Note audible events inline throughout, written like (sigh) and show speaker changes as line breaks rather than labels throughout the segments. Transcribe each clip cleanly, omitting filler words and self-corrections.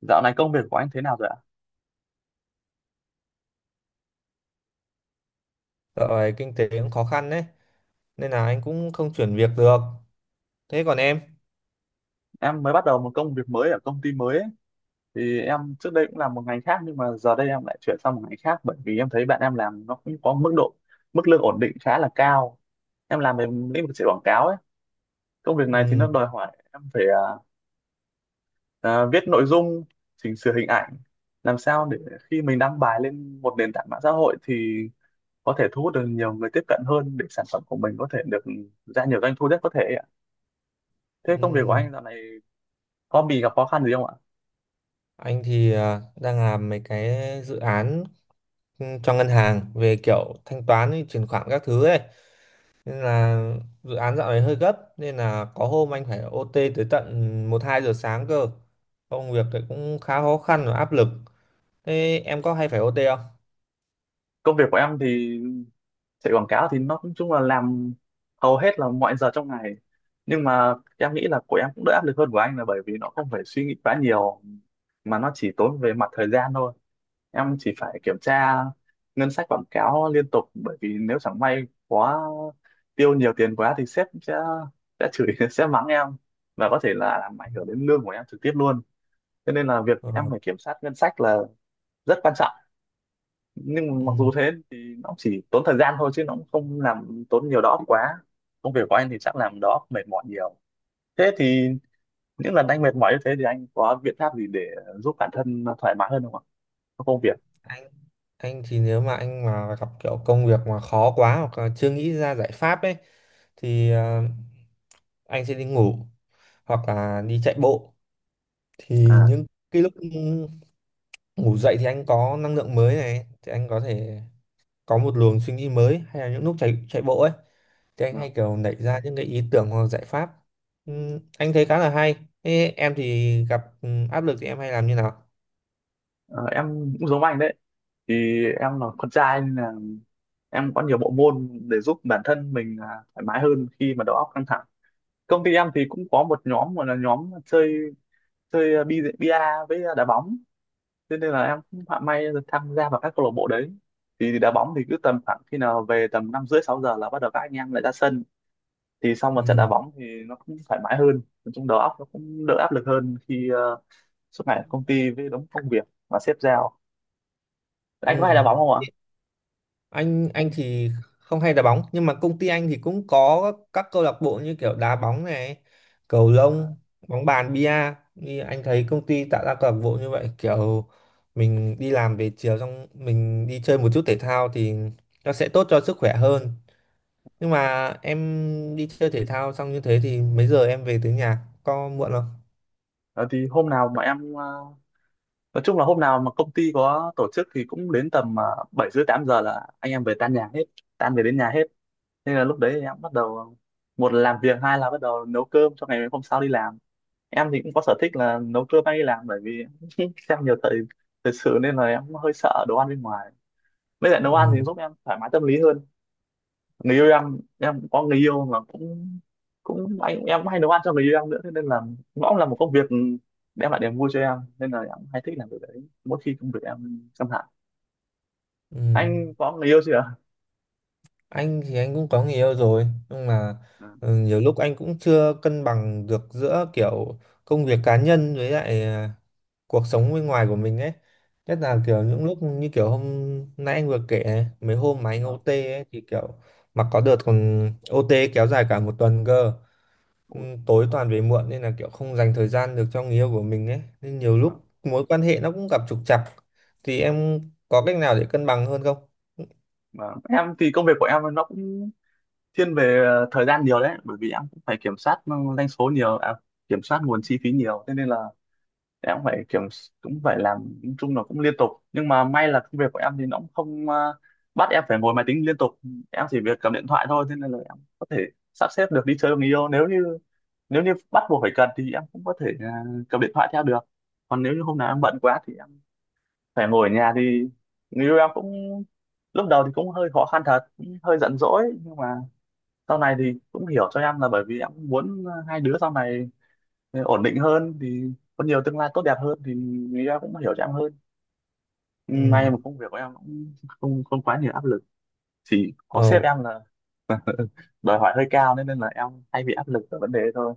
Dạo này công việc của anh thế nào rồi ạ?
Dạo này kinh tế cũng khó khăn đấy, nên là anh cũng không chuyển việc được. Thế còn em?
Em mới bắt đầu một công việc mới ở công ty mới ấy. Thì em trước đây cũng làm một ngành khác nhưng mà giờ đây em lại chuyển sang một ngành khác, bởi vì em thấy bạn em làm nó cũng có mức lương ổn định khá là cao. Em làm về lĩnh vực chạy quảng cáo ấy. Công việc này thì nó
Ừ,
đòi hỏi em phải viết nội dung, chỉnh sửa hình ảnh, làm sao để khi mình đăng bài lên một nền tảng mạng xã hội thì có thể thu hút được nhiều người tiếp cận hơn, để sản phẩm của mình có thể được ra nhiều doanh thu nhất có thể ấy ạ. Thế công việc của
ừ.
anh dạo này có bị gặp khó khăn gì không ạ?
Anh thì đang làm mấy cái dự án, cho ngân hàng về kiểu thanh toán với chuyển khoản các thứ ấy, nên là dự án dạo này hơi gấp, nên là có hôm anh phải OT tới tận một hai giờ sáng cơ. Công việc thì cũng khá khó khăn và áp lực. Thế em có hay phải OT không?
Công việc của em thì chạy quảng cáo thì nó cũng chung là làm hầu hết là mọi giờ trong ngày, nhưng mà em nghĩ là của em cũng đỡ áp lực hơn của anh, là bởi vì nó không phải suy nghĩ quá nhiều mà nó chỉ tốn về mặt thời gian thôi. Em chỉ phải kiểm tra ngân sách quảng cáo liên tục, bởi vì nếu chẳng may quá tiêu nhiều tiền quá thì sếp sẽ chửi (laughs) sẽ mắng em, và có thể là làm ảnh hưởng đến lương của em trực tiếp luôn. Cho nên là việc
Ờ,
em phải kiểm soát ngân sách là rất quan trọng. Nhưng mà
ừ.
mặc dù thế thì nó chỉ tốn thời gian thôi chứ nó cũng không làm tốn nhiều đó quá. Công việc của anh thì chắc làm đó mệt mỏi nhiều. Thế thì những lần anh mệt mỏi như thế thì anh có biện pháp gì để giúp bản thân thoải mái hơn không ạ, trong công việc?
anh anh thì nếu mà anh mà gặp kiểu công việc mà khó quá, hoặc là chưa nghĩ ra giải pháp ấy, thì anh sẽ đi ngủ, hoặc là đi chạy bộ. Thì
à
những cái lúc ngủ dậy thì anh có năng lượng mới này, thì anh có thể có một luồng suy nghĩ mới, hay là những lúc chạy chạy bộ ấy thì anh
Ờ,
hay kiểu nảy ra những cái ý tưởng hoặc giải pháp. Anh thấy khá là hay. Thế em thì gặp áp lực thì em hay làm như nào?
ờ, em cũng giống anh đấy. Thì em là con trai nên là em có nhiều bộ môn để giúp bản thân mình thoải mái hơn khi mà đầu óc căng thẳng. Công ty em thì cũng có một nhóm gọi là nhóm chơi chơi bi bia với đá bóng. Thế nên là em cũng họa may được tham gia vào các câu lạc bộ đấy. Thì đá bóng thì cứ tầm khoảng khi nào về, tầm năm rưỡi sáu giờ là bắt đầu các anh em lại ra sân. Thì sau một trận đá
Ừm,
bóng thì nó cũng thoải mái hơn, nói chung đầu óc nó cũng đỡ áp lực hơn khi suốt ngày ở công ty với đống công việc và sếp giao. Anh có hay đá bóng
ừm.
không ạ?
Anh
Không.
thì không hay đá bóng, nhưng mà công ty anh thì cũng có các câu lạc bộ như kiểu đá bóng này, cầu
À,
lông, bóng bàn, bia. Như anh thấy công ty tạo ra câu lạc bộ như vậy, kiểu mình đi làm về chiều xong mình đi chơi một chút thể thao thì nó sẽ tốt cho sức khỏe hơn. Nhưng mà em đi chơi thể thao xong như thế thì mấy giờ em về tới nhà, có muộn không?
ờ, thì hôm nào mà em nói chung là hôm nào mà công ty có tổ chức thì cũng đến tầm bảy rưỡi tám giờ là anh em về tan nhà hết, tan về đến nhà hết. Nên là lúc đấy em bắt đầu, một là làm việc, hai là bắt đầu nấu cơm cho ngày hôm sau đi làm. Em thì cũng có sở thích là nấu cơm hay đi làm bởi vì (laughs) xem nhiều thời thời sự nên là em cũng hơi sợ đồ ăn bên ngoài. Với lại nấu ăn thì
Ừ,
giúp em thoải mái tâm lý hơn. Người yêu Em cũng có người yêu, mà cũng cũng anh em cũng hay nấu ăn cho người yêu em nữa, thế nên là nó cũng là một công việc đem lại niềm vui cho em, nên là em cũng hay thích làm việc đấy mỗi khi công việc em căng thẳng.
ừ.
Anh có người yêu chưa ạ?
Anh thì anh cũng có người yêu rồi, nhưng mà
Ừ,
nhiều lúc anh cũng chưa cân bằng được giữa kiểu công việc cá nhân với lại cuộc sống bên ngoài của mình ấy, nhất
ừ,
là kiểu những lúc như kiểu hôm nay anh vừa kể này, mấy hôm mà
ừ.
anh ô tê ấy thì kiểu mà có đợt còn OT kéo dài cả một tuần cơ. Ừ,
Ủa,
tối toàn về muộn nên là kiểu không dành thời gian được cho người yêu của mình ấy, nên nhiều
mà,
lúc mối quan hệ nó cũng gặp trục trặc. Thì em có cách nào để cân bằng hơn không?
mà em thì công việc của em nó cũng thiên về thời gian nhiều đấy, bởi vì em cũng phải kiểm soát doanh số nhiều, kiểm soát nguồn chi phí nhiều, thế nên là em cũng phải cũng phải làm, nói chung là cũng liên tục. Nhưng mà may là công việc của em thì nó cũng không bắt em phải ngồi máy tính liên tục. Em chỉ việc cầm điện thoại thôi, thế nên là em có thể sắp xếp được đi chơi với người yêu, nếu như bắt buộc phải cần thì em cũng có thể cầm điện thoại theo được. Còn nếu như hôm nào em bận quá thì em phải ngồi ở nhà thì người yêu em cũng, lúc đầu thì cũng hơi khó khăn thật, cũng hơi giận dỗi, nhưng mà sau này thì cũng hiểu cho em, là bởi vì em cũng muốn hai đứa sau này ổn định hơn thì có nhiều tương lai tốt đẹp hơn, thì người ta cũng hiểu cho em hơn. Ừ, may
Ừ,
mà công việc của em cũng không không quá nhiều áp lực, chỉ có sếp
ờ,
em là đòi hỏi hơi cao nên nên là em hay bị áp lực ở vấn đề đấy thôi.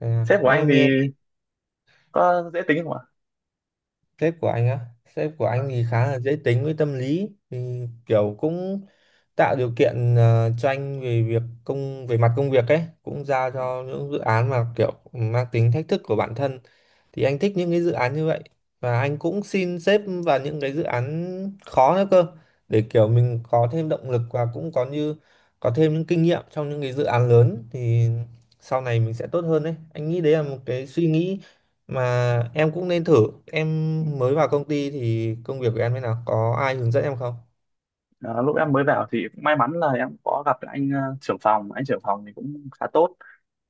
thế à.
Sếp của anh thì
Nghe.
có dễ tính không ạ?
Sếp của anh á? Sếp của anh
Vâng,
thì khá là dễ tính với tâm lý, thì kiểu cũng tạo điều kiện, cho anh về việc công về mặt công việc ấy, cũng giao
vâng,
cho những dự án mà kiểu mang tính thách thức của bản thân, thì anh thích những cái dự án như vậy, và anh cũng xin sếp vào những cái dự án khó nữa cơ, để kiểu mình có thêm động lực và cũng có như có thêm những kinh nghiệm trong những cái dự án lớn. Thì sau này mình sẽ tốt hơn đấy, anh nghĩ đấy là
vâng.
một cái suy nghĩ mà em cũng nên thử. Em mới vào công ty thì công việc của em thế nào, có ai hướng dẫn em không?
Ờ, lúc em mới vào thì cũng may mắn là em có gặp lại anh trưởng phòng, thì cũng khá tốt.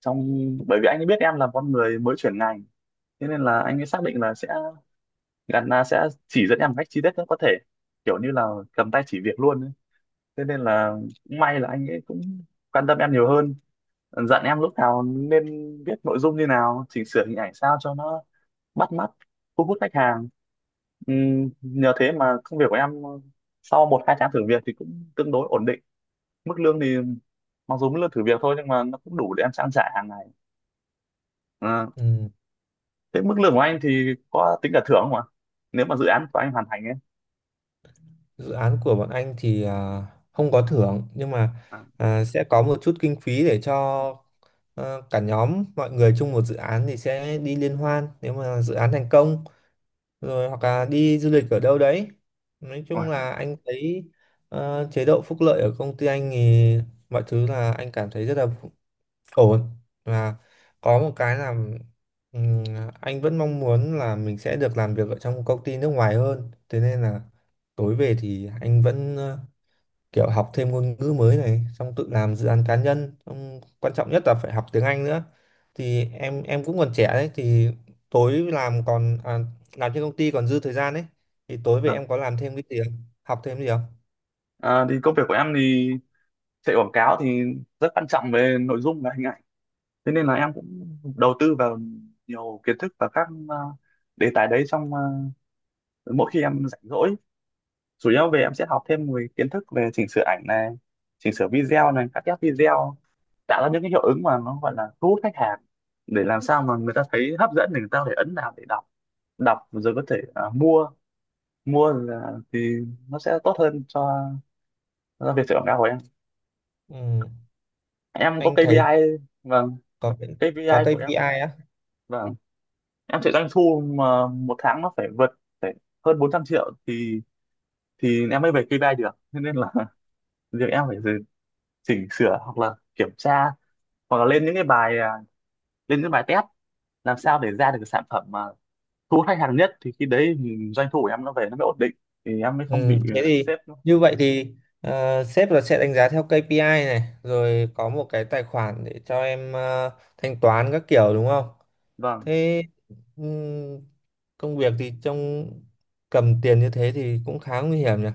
trong Bởi vì anh ấy biết em là con người mới chuyển ngành, thế nên là anh ấy xác định là sẽ gắn là sẽ chỉ dẫn em một cách chi tiết nhất có thể, kiểu như là cầm tay chỉ việc luôn ấy. Thế nên là cũng may là anh ấy cũng quan tâm em nhiều hơn, dặn em lúc nào nên viết nội dung như nào, chỉnh sửa hình ảnh sao cho nó bắt mắt, thu hút khách hàng. Nhờ thế mà công việc của em sau một hai tháng thử việc thì cũng tương đối ổn định. Mức lương thì, mặc dù mức lương thử việc thôi nhưng mà nó cũng đủ để em trang trải hàng ngày. à,
Ừ.
Thế mức lương của anh thì có tính cả thưởng không ạ, nếu mà dự án của anh hoàn thành ấy?
Dự án của bọn anh thì không có thưởng, nhưng mà
à,
sẽ có một chút kinh phí để cho ờ, cả nhóm mọi người chung một dự án thì sẽ đi liên hoan nếu mà dự án thành công rồi, hoặc là đi du lịch ở đâu đấy. Nói
Rồi,
chung
thế.
là anh thấy chế độ phúc lợi ở công ty anh thì mọi thứ là anh cảm thấy rất là ổn. Và có một cái là, ừm, anh vẫn mong muốn là mình sẽ được làm việc ở trong một công ty nước ngoài hơn, thế nên là tối về thì anh vẫn kiểu học thêm ngôn ngữ mới này, xong tự làm dự án cá nhân, xong quan trọng nhất là phải học tiếng Anh nữa. Thì em cũng còn trẻ đấy, thì tối làm còn làm trên công ty còn dư thời gian đấy, thì tối về
À.
em có làm thêm cái gì không, học thêm gì không?
À, thì công việc của em thì chạy quảng cáo thì rất quan trọng về nội dung và hình ảnh. Thế nên là em cũng đầu tư vào nhiều kiến thức và các đề tài đấy trong mỗi khi em rảnh rỗi. Chủ yếu về em sẽ học thêm về kiến thức về chỉnh sửa ảnh này, chỉnh sửa video này, cắt ghép video, tạo ra những cái hiệu ứng mà nó gọi là thu hút khách hàng, để làm sao mà người ta thấy hấp dẫn, để người ta có thể ấn vào để đọc, đọc rồi có thể mua, thì nó sẽ tốt hơn cho việc chạy quảng cáo của em.
Ừm,
Em có
anh thấy
KPI. Vâng.
có có
KPI
ca
của
pê i
em.
á?
Vâng, em sẽ doanh thu mà một tháng nó phải vượt, phải hơn 400 triệu thì em mới về KPI được. Thế nên là (laughs) việc em phải chỉnh sửa hoặc là kiểm tra hoặc là lên những cái bài, lên những bài test, làm sao để ra được cái sản phẩm mà thu hút khách hàng nhất, thì khi đấy thì doanh thu của em nó về nó mới ổn định, thì em mới không
Ừ,
bị
thế thì,
sếp nó-.
như vậy thì, sếp là sẽ đánh giá theo KPI này, rồi có một cái tài khoản để cho em thanh toán các kiểu, đúng không?
Vâng,
Thế ừm, công việc thì trong cầm tiền như thế thì cũng khá nguy hiểm nhỉ.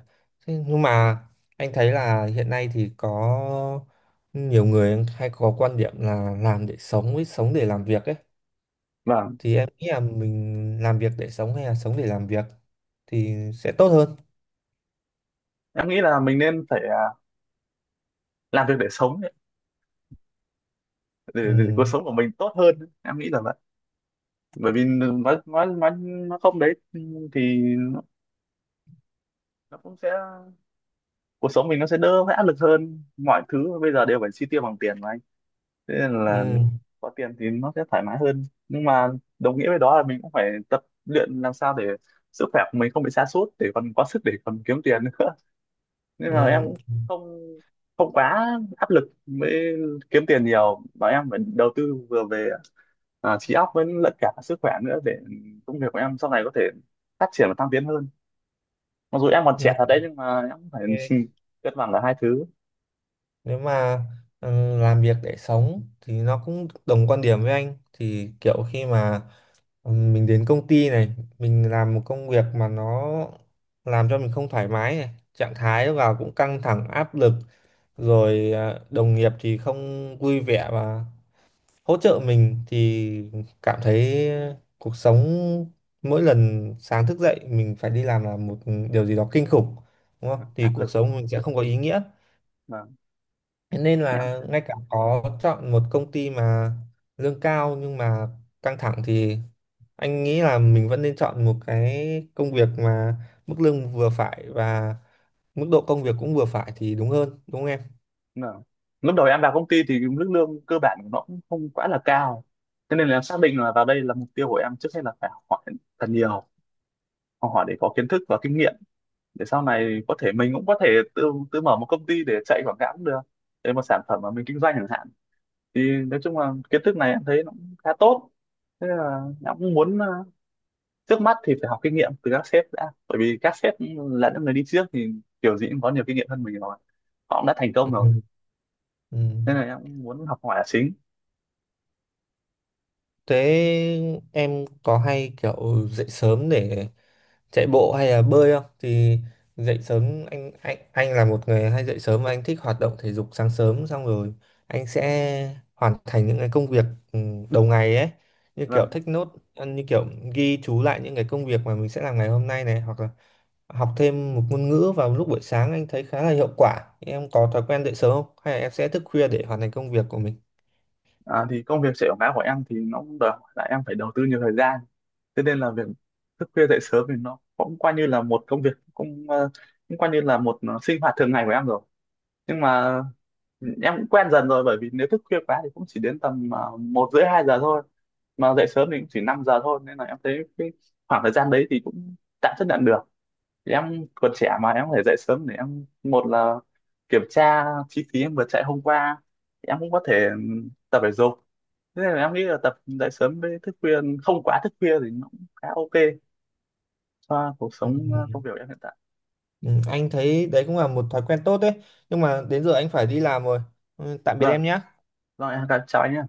Thế nhưng mà anh thấy là hiện nay thì có nhiều người hay có quan điểm là làm để sống với sống để làm việc ấy.
vâng,
Thì em nghĩ là mình làm việc để sống hay là sống để làm việc thì sẽ tốt hơn.
em nghĩ là mình nên phải làm việc để sống ấy, để cuộc
Ừ.
sống của mình tốt hơn. Em nghĩ là vậy, bởi vì nói nó không đấy thì nó cũng sẽ, cuộc sống mình nó sẽ đỡ phải áp lực hơn. Mọi thứ bây giờ đều phải chi tiêu bằng tiền mà anh, thế nên là
Ừ.
có tiền thì nó sẽ thoải mái hơn. Nhưng mà đồng nghĩa với đó là mình cũng phải tập luyện làm sao để sức khỏe của mình không bị sa sút, để còn có sức để còn kiếm tiền nữa (laughs) nên là em
Ừ,
cũng không không quá áp lực mới kiếm tiền nhiều, mà em phải đầu tư vừa về trí óc với lẫn cả sức khỏe nữa, để công việc của em sau này có thể phát triển và thăng tiến hơn. Mặc dù em còn trẻ
ừ,
thật đấy nhưng mà em cũng phải
ok.
(laughs) cân bằng cả hai thứ.
Nếu mà làm việc để sống thì nó cũng đồng quan điểm với anh, thì kiểu khi mà mình đến công ty này, mình làm một công việc mà nó làm cho mình không thoải mái này, trạng thái vào cũng căng thẳng áp lực, rồi đồng nghiệp thì không vui vẻ và hỗ trợ mình, thì cảm thấy cuộc sống mỗi lần sáng thức dậy mình phải đi làm là một điều gì đó kinh khủng, đúng không, thì
Áp
cuộc
lực
sống mình sẽ không có ý nghĩa.
mà
Thế nên
em
là
thế
ngay cả có chọn một công ty mà lương cao nhưng mà căng thẳng, thì anh nghĩ là mình vẫn nên chọn một cái công việc mà mức lương vừa phải và mức độ công việc cũng vừa phải thì đúng hơn, đúng không em?
mà, lúc đầu em vào công ty thì mức lương cơ bản của nó cũng không quá là cao, cho nên là em xác định là vào đây là mục tiêu của em trước hết là phải học hỏi thật nhiều, học hỏi để có kiến thức và kinh nghiệm, để sau này có thể mình cũng có thể tự tự mở một công ty để chạy quảng cáo cũng được, để một sản phẩm mà mình kinh doanh chẳng hạn. Thì nói chung là kiến thức này em thấy nó cũng khá tốt, thế là em cũng muốn trước mắt thì phải học kinh nghiệm từ các sếp đã, bởi vì các sếp là những người đi trước thì kiểu gì cũng có nhiều kinh nghiệm hơn mình rồi, họ cũng đã thành công rồi,
Ừ. Ừ.
nên là em muốn học hỏi là chính.
Thế em có hay kiểu dậy sớm để chạy bộ hay là bơi không? Thì dậy sớm, anh là một người hay dậy sớm, và anh thích hoạt động thể dục sáng sớm, xong rồi anh sẽ hoàn thành những cái công việc ừ, đầu ngày ấy, như kiểu
Vâng,
take note, như kiểu ghi chú lại những cái công việc mà mình sẽ làm ngày hôm nay này, hoặc là học thêm một ngôn ngữ vào lúc buổi sáng, anh thấy khá là hiệu quả. Em có thói quen dậy sớm không, hay là em sẽ thức khuya để hoàn thành công việc của mình?
thì công việc chạy quảng cáo của em thì nó cũng đòi hỏi là em phải đầu tư nhiều thời gian. Thế nên là việc thức khuya dậy sớm thì nó cũng coi như là một công việc, cũng coi như là một sinh hoạt thường ngày của em rồi. Nhưng mà em cũng quen dần rồi, bởi vì nếu thức khuya quá thì cũng chỉ đến tầm một rưỡi hai giờ thôi, mà dậy sớm thì cũng chỉ 5 giờ thôi, nên là em thấy cái khoảng thời gian đấy thì cũng tạm chấp nhận được. Thì em còn trẻ mà, em có thể dậy sớm để em một là kiểm tra chi phí em vừa chạy hôm qua. Thì em cũng có thể tập thể dục, thế nên là em nghĩ là tập dậy sớm với thức khuya không quá thức khuya thì nó cũng khá ok cho cuộc sống,
Ừ.
công việc của em hiện tại.
Ừ, anh thấy đấy cũng là một thói quen tốt đấy, nhưng mà đến giờ anh phải đi làm rồi. Ừ, tạm biệt
Vâng,
em nhé.
rồi em chào anh nhé.